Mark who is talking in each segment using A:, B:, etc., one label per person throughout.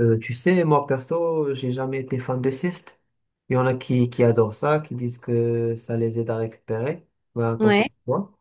A: Moi perso, j'ai jamais été fan de sieste. Il y en a qui adorent ça, qui disent que ça les aide à récupérer. Ben, tant pour
B: Ouais.
A: toi.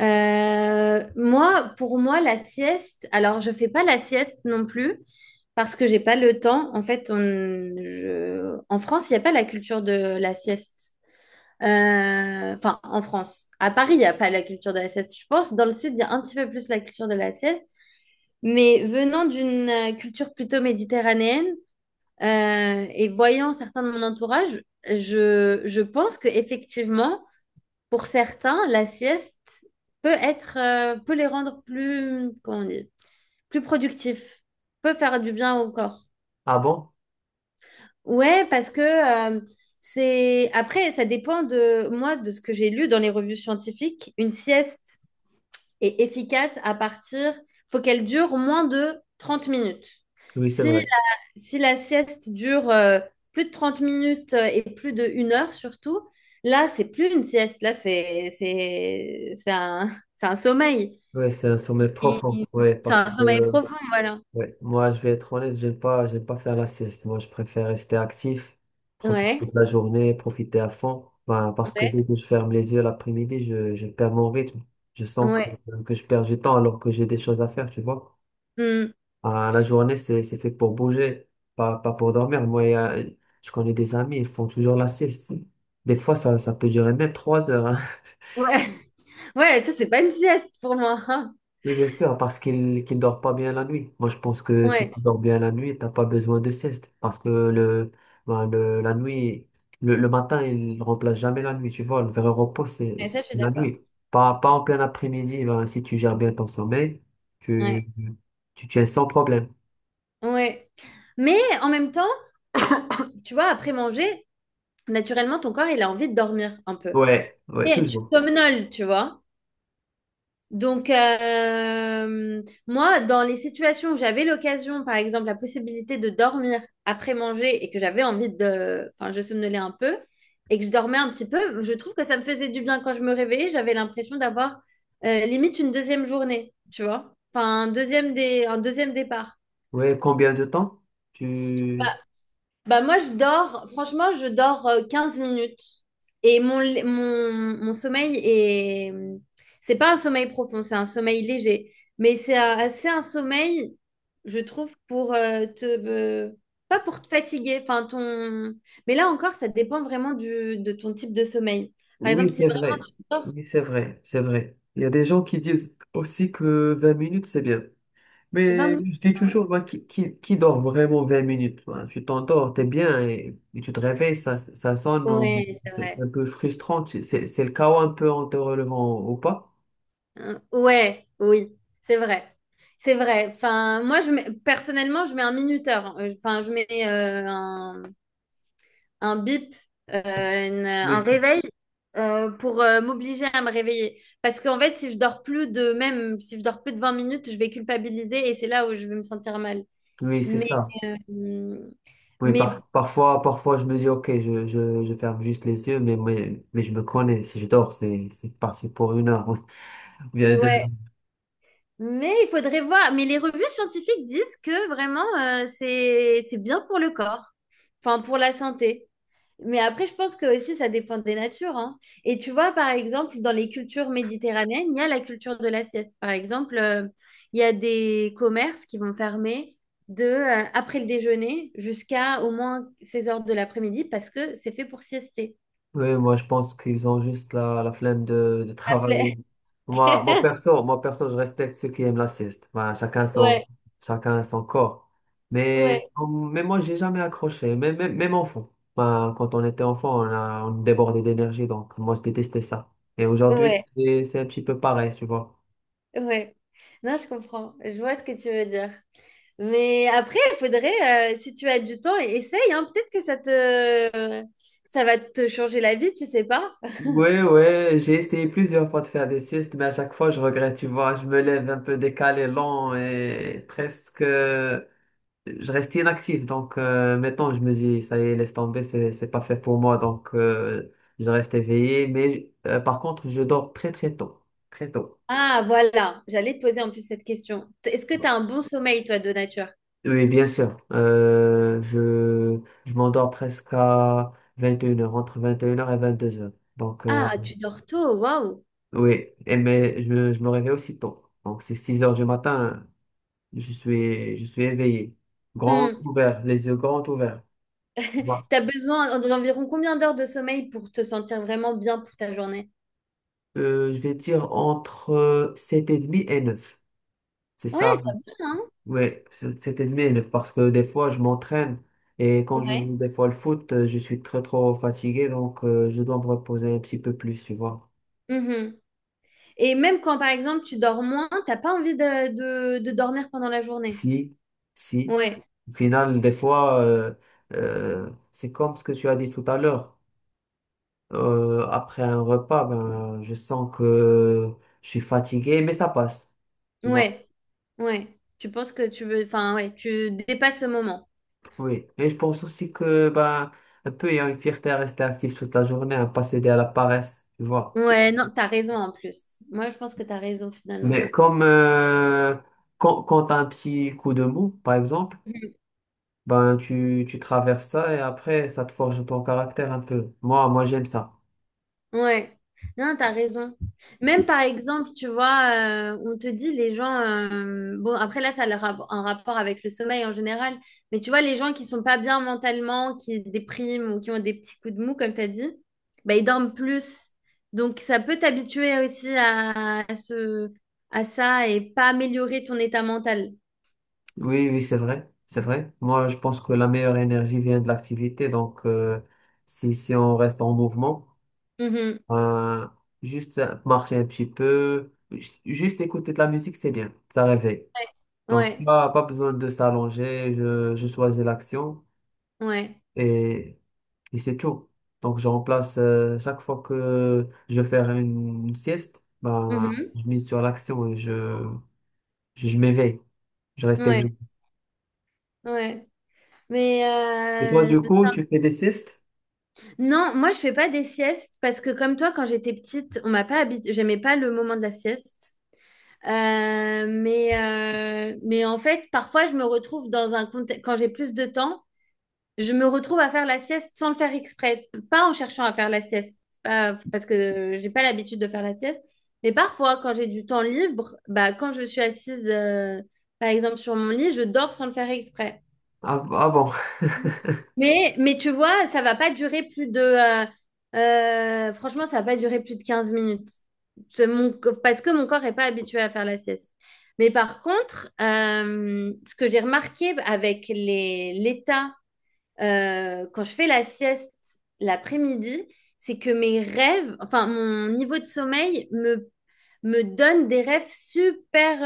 B: Moi, pour moi, la sieste, alors je fais pas la sieste non plus parce que j'ai pas le temps. En fait, en France, il n'y a pas la culture de la sieste. Enfin, en France. À Paris, il n'y a pas la culture de la sieste. Je pense dans le sud, il y a un petit peu plus la culture de la sieste. Mais venant d'une culture plutôt méditerranéenne et voyant certains de mon entourage, je pense que effectivement. Pour certains, la sieste peut être, peut les rendre plus, comment on dit, plus productifs, peut faire du bien au corps.
A: Ah bon?
B: Ouais, parce que c'est. Après, ça dépend de moi, de ce que j'ai lu dans les revues scientifiques. Une sieste est efficace à partir. Faut qu'elle dure moins de 30 minutes.
A: Oui, c'est
B: Si
A: vrai.
B: si la sieste dure plus de 30 minutes et plus de 1 heure surtout, là, c'est plus une sieste, là, c'est un, c'est un sommeil.
A: Oui, c'est un sommeil
B: Et-
A: profond. Oui,
B: C'est
A: parce
B: un sommeil
A: que
B: profond, voilà.
A: ouais, moi, je vais être honnête, j'aime pas faire la sieste. Moi, je préfère rester actif, profiter
B: Ouais,
A: de la journée, profiter à fond. Ben, parce que
B: ouais,
A: dès que je ferme les yeux l'après-midi, je perds mon rythme. Je sens
B: ouais.
A: que je perds du temps alors que j'ai des choses à faire, tu vois.
B: Hmm.
A: Ah, la journée, c'est fait pour bouger, pas pour dormir. Moi, je connais des amis, ils font toujours la sieste. Des fois, ça peut durer même 3 heures, hein.
B: Ouais, ouais, ça, c'est pas une sieste pour moi, hein.
A: Oui, bien sûr, parce qu'il dort pas bien la nuit. Moi, je pense que si
B: Ouais,
A: tu dors bien la nuit, t'as pas besoin de sieste. Parce que le, ben, la nuit, le matin, il remplace jamais la nuit. Tu vois, le vrai repos,
B: mais ça, je suis
A: c'est la
B: d'accord.
A: nuit. Pas en plein après-midi. Ben, si tu gères bien ton sommeil,
B: Ouais,
A: tu, tu tiens sans problème.
B: ouais. Mais en même temps, tu vois, après manger, naturellement, ton corps, il a envie de dormir un peu.
A: Ouais, ouais,
B: Et tu
A: toujours.
B: somnoles, tu vois. Donc, moi, dans les situations où j'avais l'occasion, par exemple, la possibilité de dormir après manger et que j'avais envie de... Enfin, je somnolais un peu et que je dormais un petit peu, je trouve que ça me faisait du bien quand je me réveillais. J'avais l'impression d'avoir limite une deuxième journée, tu vois? Enfin, un deuxième départ.
A: Ouais, combien de temps? Tu...
B: Bah moi, je dors, franchement, je dors 15 minutes. Et mon sommeil est... C'est pas un sommeil profond, c'est un sommeil léger. Mais c'est un sommeil, je trouve, pour pas pour te fatiguer, enfin ton... Mais là encore, ça dépend vraiment de ton type de sommeil. Par exemple,
A: Oui,
B: si
A: c'est
B: vraiment
A: vrai.
B: tu dors
A: Oui, c'est vrai, c'est vrai. Il y a des gens qui disent aussi que 20 minutes, c'est bien.
B: 20
A: Mais
B: minutes...
A: je dis toujours,
B: Ouais,
A: moi, qui dort vraiment 20 minutes? Moi, tu t'endors, t'es bien, et tu te réveilles, ça sonne,
B: Ouais, c'est
A: c'est
B: vrai.
A: un peu frustrant. C'est le chaos un peu en te relevant ou pas?
B: Ouais, oui, c'est vrai. C'est vrai. Enfin, personnellement, je mets un minuteur. Enfin, je mets un bip, euh, un
A: Oui,
B: réveil pour m'obliger à me réveiller. Parce qu'en fait, si je dors plus de même, si je dors plus de 20 minutes, je vais culpabiliser et c'est là où je vais me sentir mal.
A: oui, c'est
B: Mais,
A: ça.
B: euh,
A: Oui,
B: mais
A: parfois, parfois, je me dis, OK, je ferme juste les yeux, mais je me connais. Si je dors, c'est parti pour 1 heure. Ou bien
B: ouais. Mais il faudrait voir. Mais les revues scientifiques disent que vraiment, c'est bien pour le corps. Enfin, pour la santé. Mais après, je pense que aussi, ça dépend des natures, hein. Et tu vois, par exemple, dans les cultures méditerranéennes, il y a la culture de la sieste. Par exemple, il y a des commerces qui vont fermer après le déjeuner jusqu'à au moins 16 heures de l'après-midi parce que c'est fait pour siester.
A: oui, moi je pense qu'ils ont juste la flemme de
B: La
A: travailler.
B: flemme.
A: Moi perso, je respecte ceux qui aiment la sieste. Ben,
B: Ouais,
A: chacun son corps.
B: ouais,
A: Mais moi, j'ai jamais accroché. Même enfant. Ben, quand on était enfant, on débordait d'énergie, donc moi je détestais ça. Et aujourd'hui,
B: ouais,
A: c'est un petit peu pareil, tu vois.
B: ouais. Non, je comprends. Je vois ce que tu veux dire. Mais après, il faudrait, si tu as du temps, essaye, hein. Peut-être que ça va te changer la vie, tu sais pas.
A: Oui, oui, j'ai essayé plusieurs fois de faire des siestes, mais à chaque fois, je regrette, tu vois. Je me lève un peu décalé, lent et presque. Je restais inactif. Donc maintenant, je me dis, ça y est, laisse tomber, c'est pas fait pour moi. Donc je reste éveillé. Mais par contre, je dors très très tôt. Très tôt.
B: Ah, voilà, j'allais te poser en plus cette question. Est-ce que tu as un bon sommeil, toi, de nature?
A: Oui, bien sûr. Je m'endors presque à 21 heures, entre 21 heures et 22 heures. Donc
B: Ah, tu dors tôt, waouh.
A: oui, et mais je me réveille aussi tôt. Donc, c'est 6 heures du matin, je suis éveillé. Grand
B: Hmm.
A: ouvert, les yeux grands ouverts. Voilà.
B: T'as besoin d'environ combien d'heures de sommeil pour te sentir vraiment bien pour ta journée?
A: Je vais dire entre 7 et 30 et 9. C'est
B: Ouais,
A: ça,
B: ça va, hein?
A: ouais, c'est admin, parce que des fois je m'entraîne et quand je joue
B: Ouais.
A: des fois le foot, je suis très trop fatigué donc je dois me reposer un petit peu plus, tu vois.
B: Mhm. Et même quand, par exemple, tu dors moins, t'as pas envie de dormir pendant la journée.
A: Si, si,
B: Ouais,
A: au final, des fois, c'est comme ce que tu as dit tout à l'heure. Après un repas, ben, je sens que je suis fatigué, mais ça passe, tu vois.
B: ouais, ouais. Tu penses que tu veux... Enfin, ouais, tu dépasses ce moment.
A: Oui, et je pense aussi que ben, un peu il y a une fierté à rester actif toute la journée, à ne pas céder à la paresse, tu vois.
B: Ouais, non, t'as raison en plus. Moi, je pense que t'as raison finalement.
A: Mais comme quand t'as un petit coup de mou, par exemple, ben tu traverses ça et après ça te forge ton caractère un peu. Moi j'aime ça.
B: Ouais, non, t'as raison. Même par exemple, tu vois, on te dit les gens, bon, après là, ça a un rapport avec le sommeil en général, mais tu vois, les gens qui sont pas bien mentalement, qui dépriment ou qui ont des petits coups de mou, comme t'as dit, bah, ils dorment plus. Donc, ça peut t'habituer aussi à ça et pas améliorer ton état mental.
A: Oui, oui, c'est vrai, c'est vrai. Moi, je pense que la meilleure énergie vient de l'activité. Donc, si, si on reste en mouvement,
B: Mhm.
A: ben, juste marcher un petit peu, juste écouter de la musique, c'est bien. Ça réveille.
B: Ouais,
A: Donc,
B: ouais,
A: pas besoin de s'allonger. Je choisis l'action.
B: ouais.
A: et et c'est tout. Donc, je remplace chaque fois que je vais faire une sieste, bah,
B: Mhm.
A: je mise sur l'action et je m'éveille. Je reste
B: Ouais,
A: éveillé.
B: ouais. Mais
A: Et toi,
B: euh,
A: du coup, tu fais des siestes?
B: non, moi je fais pas des siestes parce que comme toi, quand j'étais petite, on m'a pas habitué, j'aimais pas le moment de la sieste. Euh, mais, mais en fait, parfois je me retrouve dans un contexte, quand j'ai plus de temps, je me retrouve à faire la sieste sans le faire exprès, pas en cherchant à faire la sieste, parce que j'ai pas l'habitude de faire la sieste. Mais parfois, quand j'ai du temps libre, bah quand je suis assise, par exemple sur mon lit, je dors sans le faire exprès.
A: Ah, ah bon,
B: Mais tu vois, ça va pas durer plus de... franchement, ça va pas durer plus de 15 minutes. Parce que mon corps est pas habitué à faire la sieste. Mais par contre, ce que j'ai remarqué avec l'état, quand je fais la sieste l'après-midi, c'est que mes rêves, enfin mon niveau de me donne des rêves super...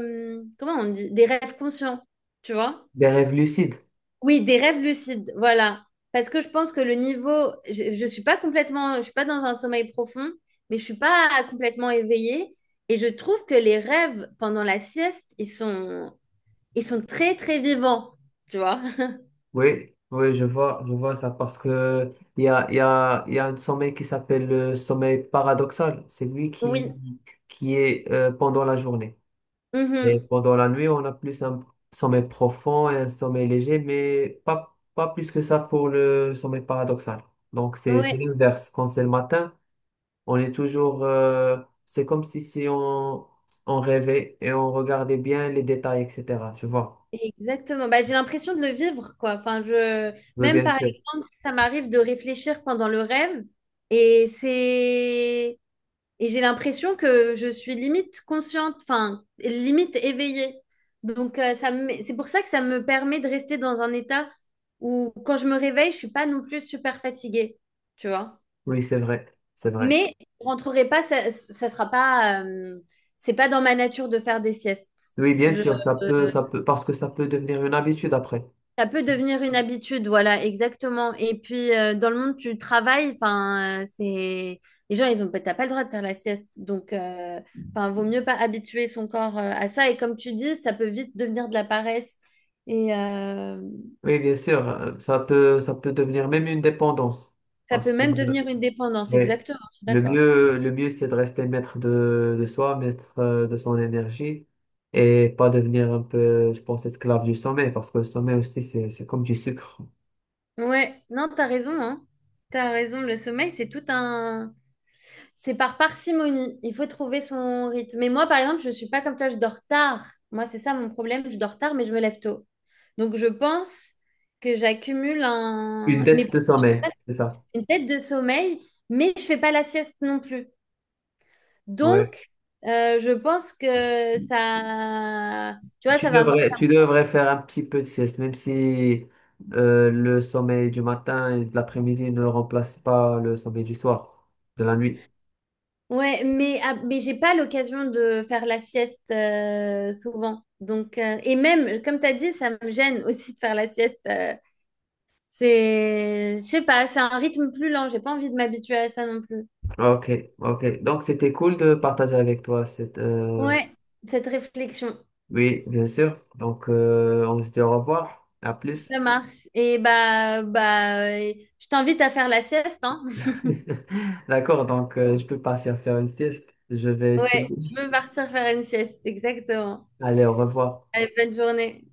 B: comment on dit? Des rêves conscients, tu vois?
A: des rêves lucides.
B: Oui, des rêves lucides, voilà. Parce que je pense que le niveau, je suis pas complètement, je suis pas dans un sommeil profond, mais je suis pas complètement éveillée. Et je trouve que les rêves pendant la sieste, ils sont très très vivants, tu vois.
A: Oui, oui, je vois ça parce que il y a un sommeil qui s'appelle le sommeil paradoxal. C'est lui
B: Oui.
A: qui est pendant la journée. Et
B: Mhm.
A: pendant la nuit, on a plus un sommeil profond et un sommeil léger, mais pas plus que ça pour le sommeil paradoxal. Donc, c'est
B: Ouais,
A: l'inverse. Quand c'est le matin, on est toujours. C'est comme si, si on rêvait et on regardait bien les détails, etc. Tu vois?
B: exactement. Bah, j'ai l'impression de le vivre, quoi. Enfin, je...
A: Oui,
B: Même
A: bien
B: par
A: sûr.
B: exemple, ça m'arrive de réfléchir pendant le rêve et c'est... Et j'ai l'impression que je suis limite consciente, enfin, limite éveillée. Donc, c'est pour ça que ça me permet de rester dans un état où, quand je me réveille, je suis pas non plus super fatiguée, tu vois.
A: Oui, c'est vrai. C'est vrai.
B: Mais je rentrerai pas, ça sera pas, c'est pas dans ma nature de faire des siestes.
A: Oui, bien
B: Je,
A: sûr,
B: euh,
A: ça peut, parce que ça peut devenir une habitude après.
B: Ça peut devenir une habitude, voilà, exactement. Et puis, dans le monde du travail, enfin, c'est... Les gens, ils ont... T'as pas le droit de faire la sieste. Donc, enfin, vaut mieux pas habituer son corps à ça. Et comme tu dis, ça peut vite devenir de la paresse. Et
A: Oui, bien sûr, ça peut devenir même une dépendance.
B: ça
A: Parce
B: peut
A: que
B: même devenir une dépendance,
A: oui.
B: exactement. Je suis d'accord.
A: Le mieux, c'est de rester maître de soi, maître de son énergie et pas devenir un peu, je pense, esclave du sommeil parce que le sommeil aussi, c'est comme du sucre.
B: Ouais, non, t'as raison, hein. T'as raison. Le sommeil, c'est tout un... C'est par parcimonie. Il faut trouver son rythme. Mais moi, par exemple, je ne suis pas comme toi, je dors tard. Moi, c'est ça mon problème. Je dors tard, mais je me lève tôt. Donc, je pense que j'accumule
A: Une
B: un... mais
A: dette de sommeil, c'est ça.
B: une tête de sommeil, mais je ne fais pas la sieste non plus.
A: Ouais.
B: Donc, je pense que ça... Tu vois, ça va...
A: Tu devrais faire un petit peu de sieste, même si le sommeil du matin et de l'après-midi ne remplace pas le sommeil du soir, de la nuit.
B: Ouais, mais, ah, mais j'ai pas l'occasion de faire la sieste souvent. Donc, et même, comme tu as dit, ça me gêne aussi de faire la sieste c'est, je sais pas, c'est un rythme plus lent. J'ai pas envie de m'habituer à ça non plus.
A: Ok, ok. Donc c'était cool de partager avec toi cette.
B: Ouais, cette réflexion,
A: Oui, bien sûr. Donc on se dit au revoir. À plus.
B: ça marche. Et bah, bah, je t'invite à faire la sieste, hein.
A: D'accord. Donc je peux partir faire une sieste. Je vais
B: Ouais, je
A: essayer.
B: veux partir faire une sieste, exactement.
A: Allez, au revoir.
B: Allez, bonne journée.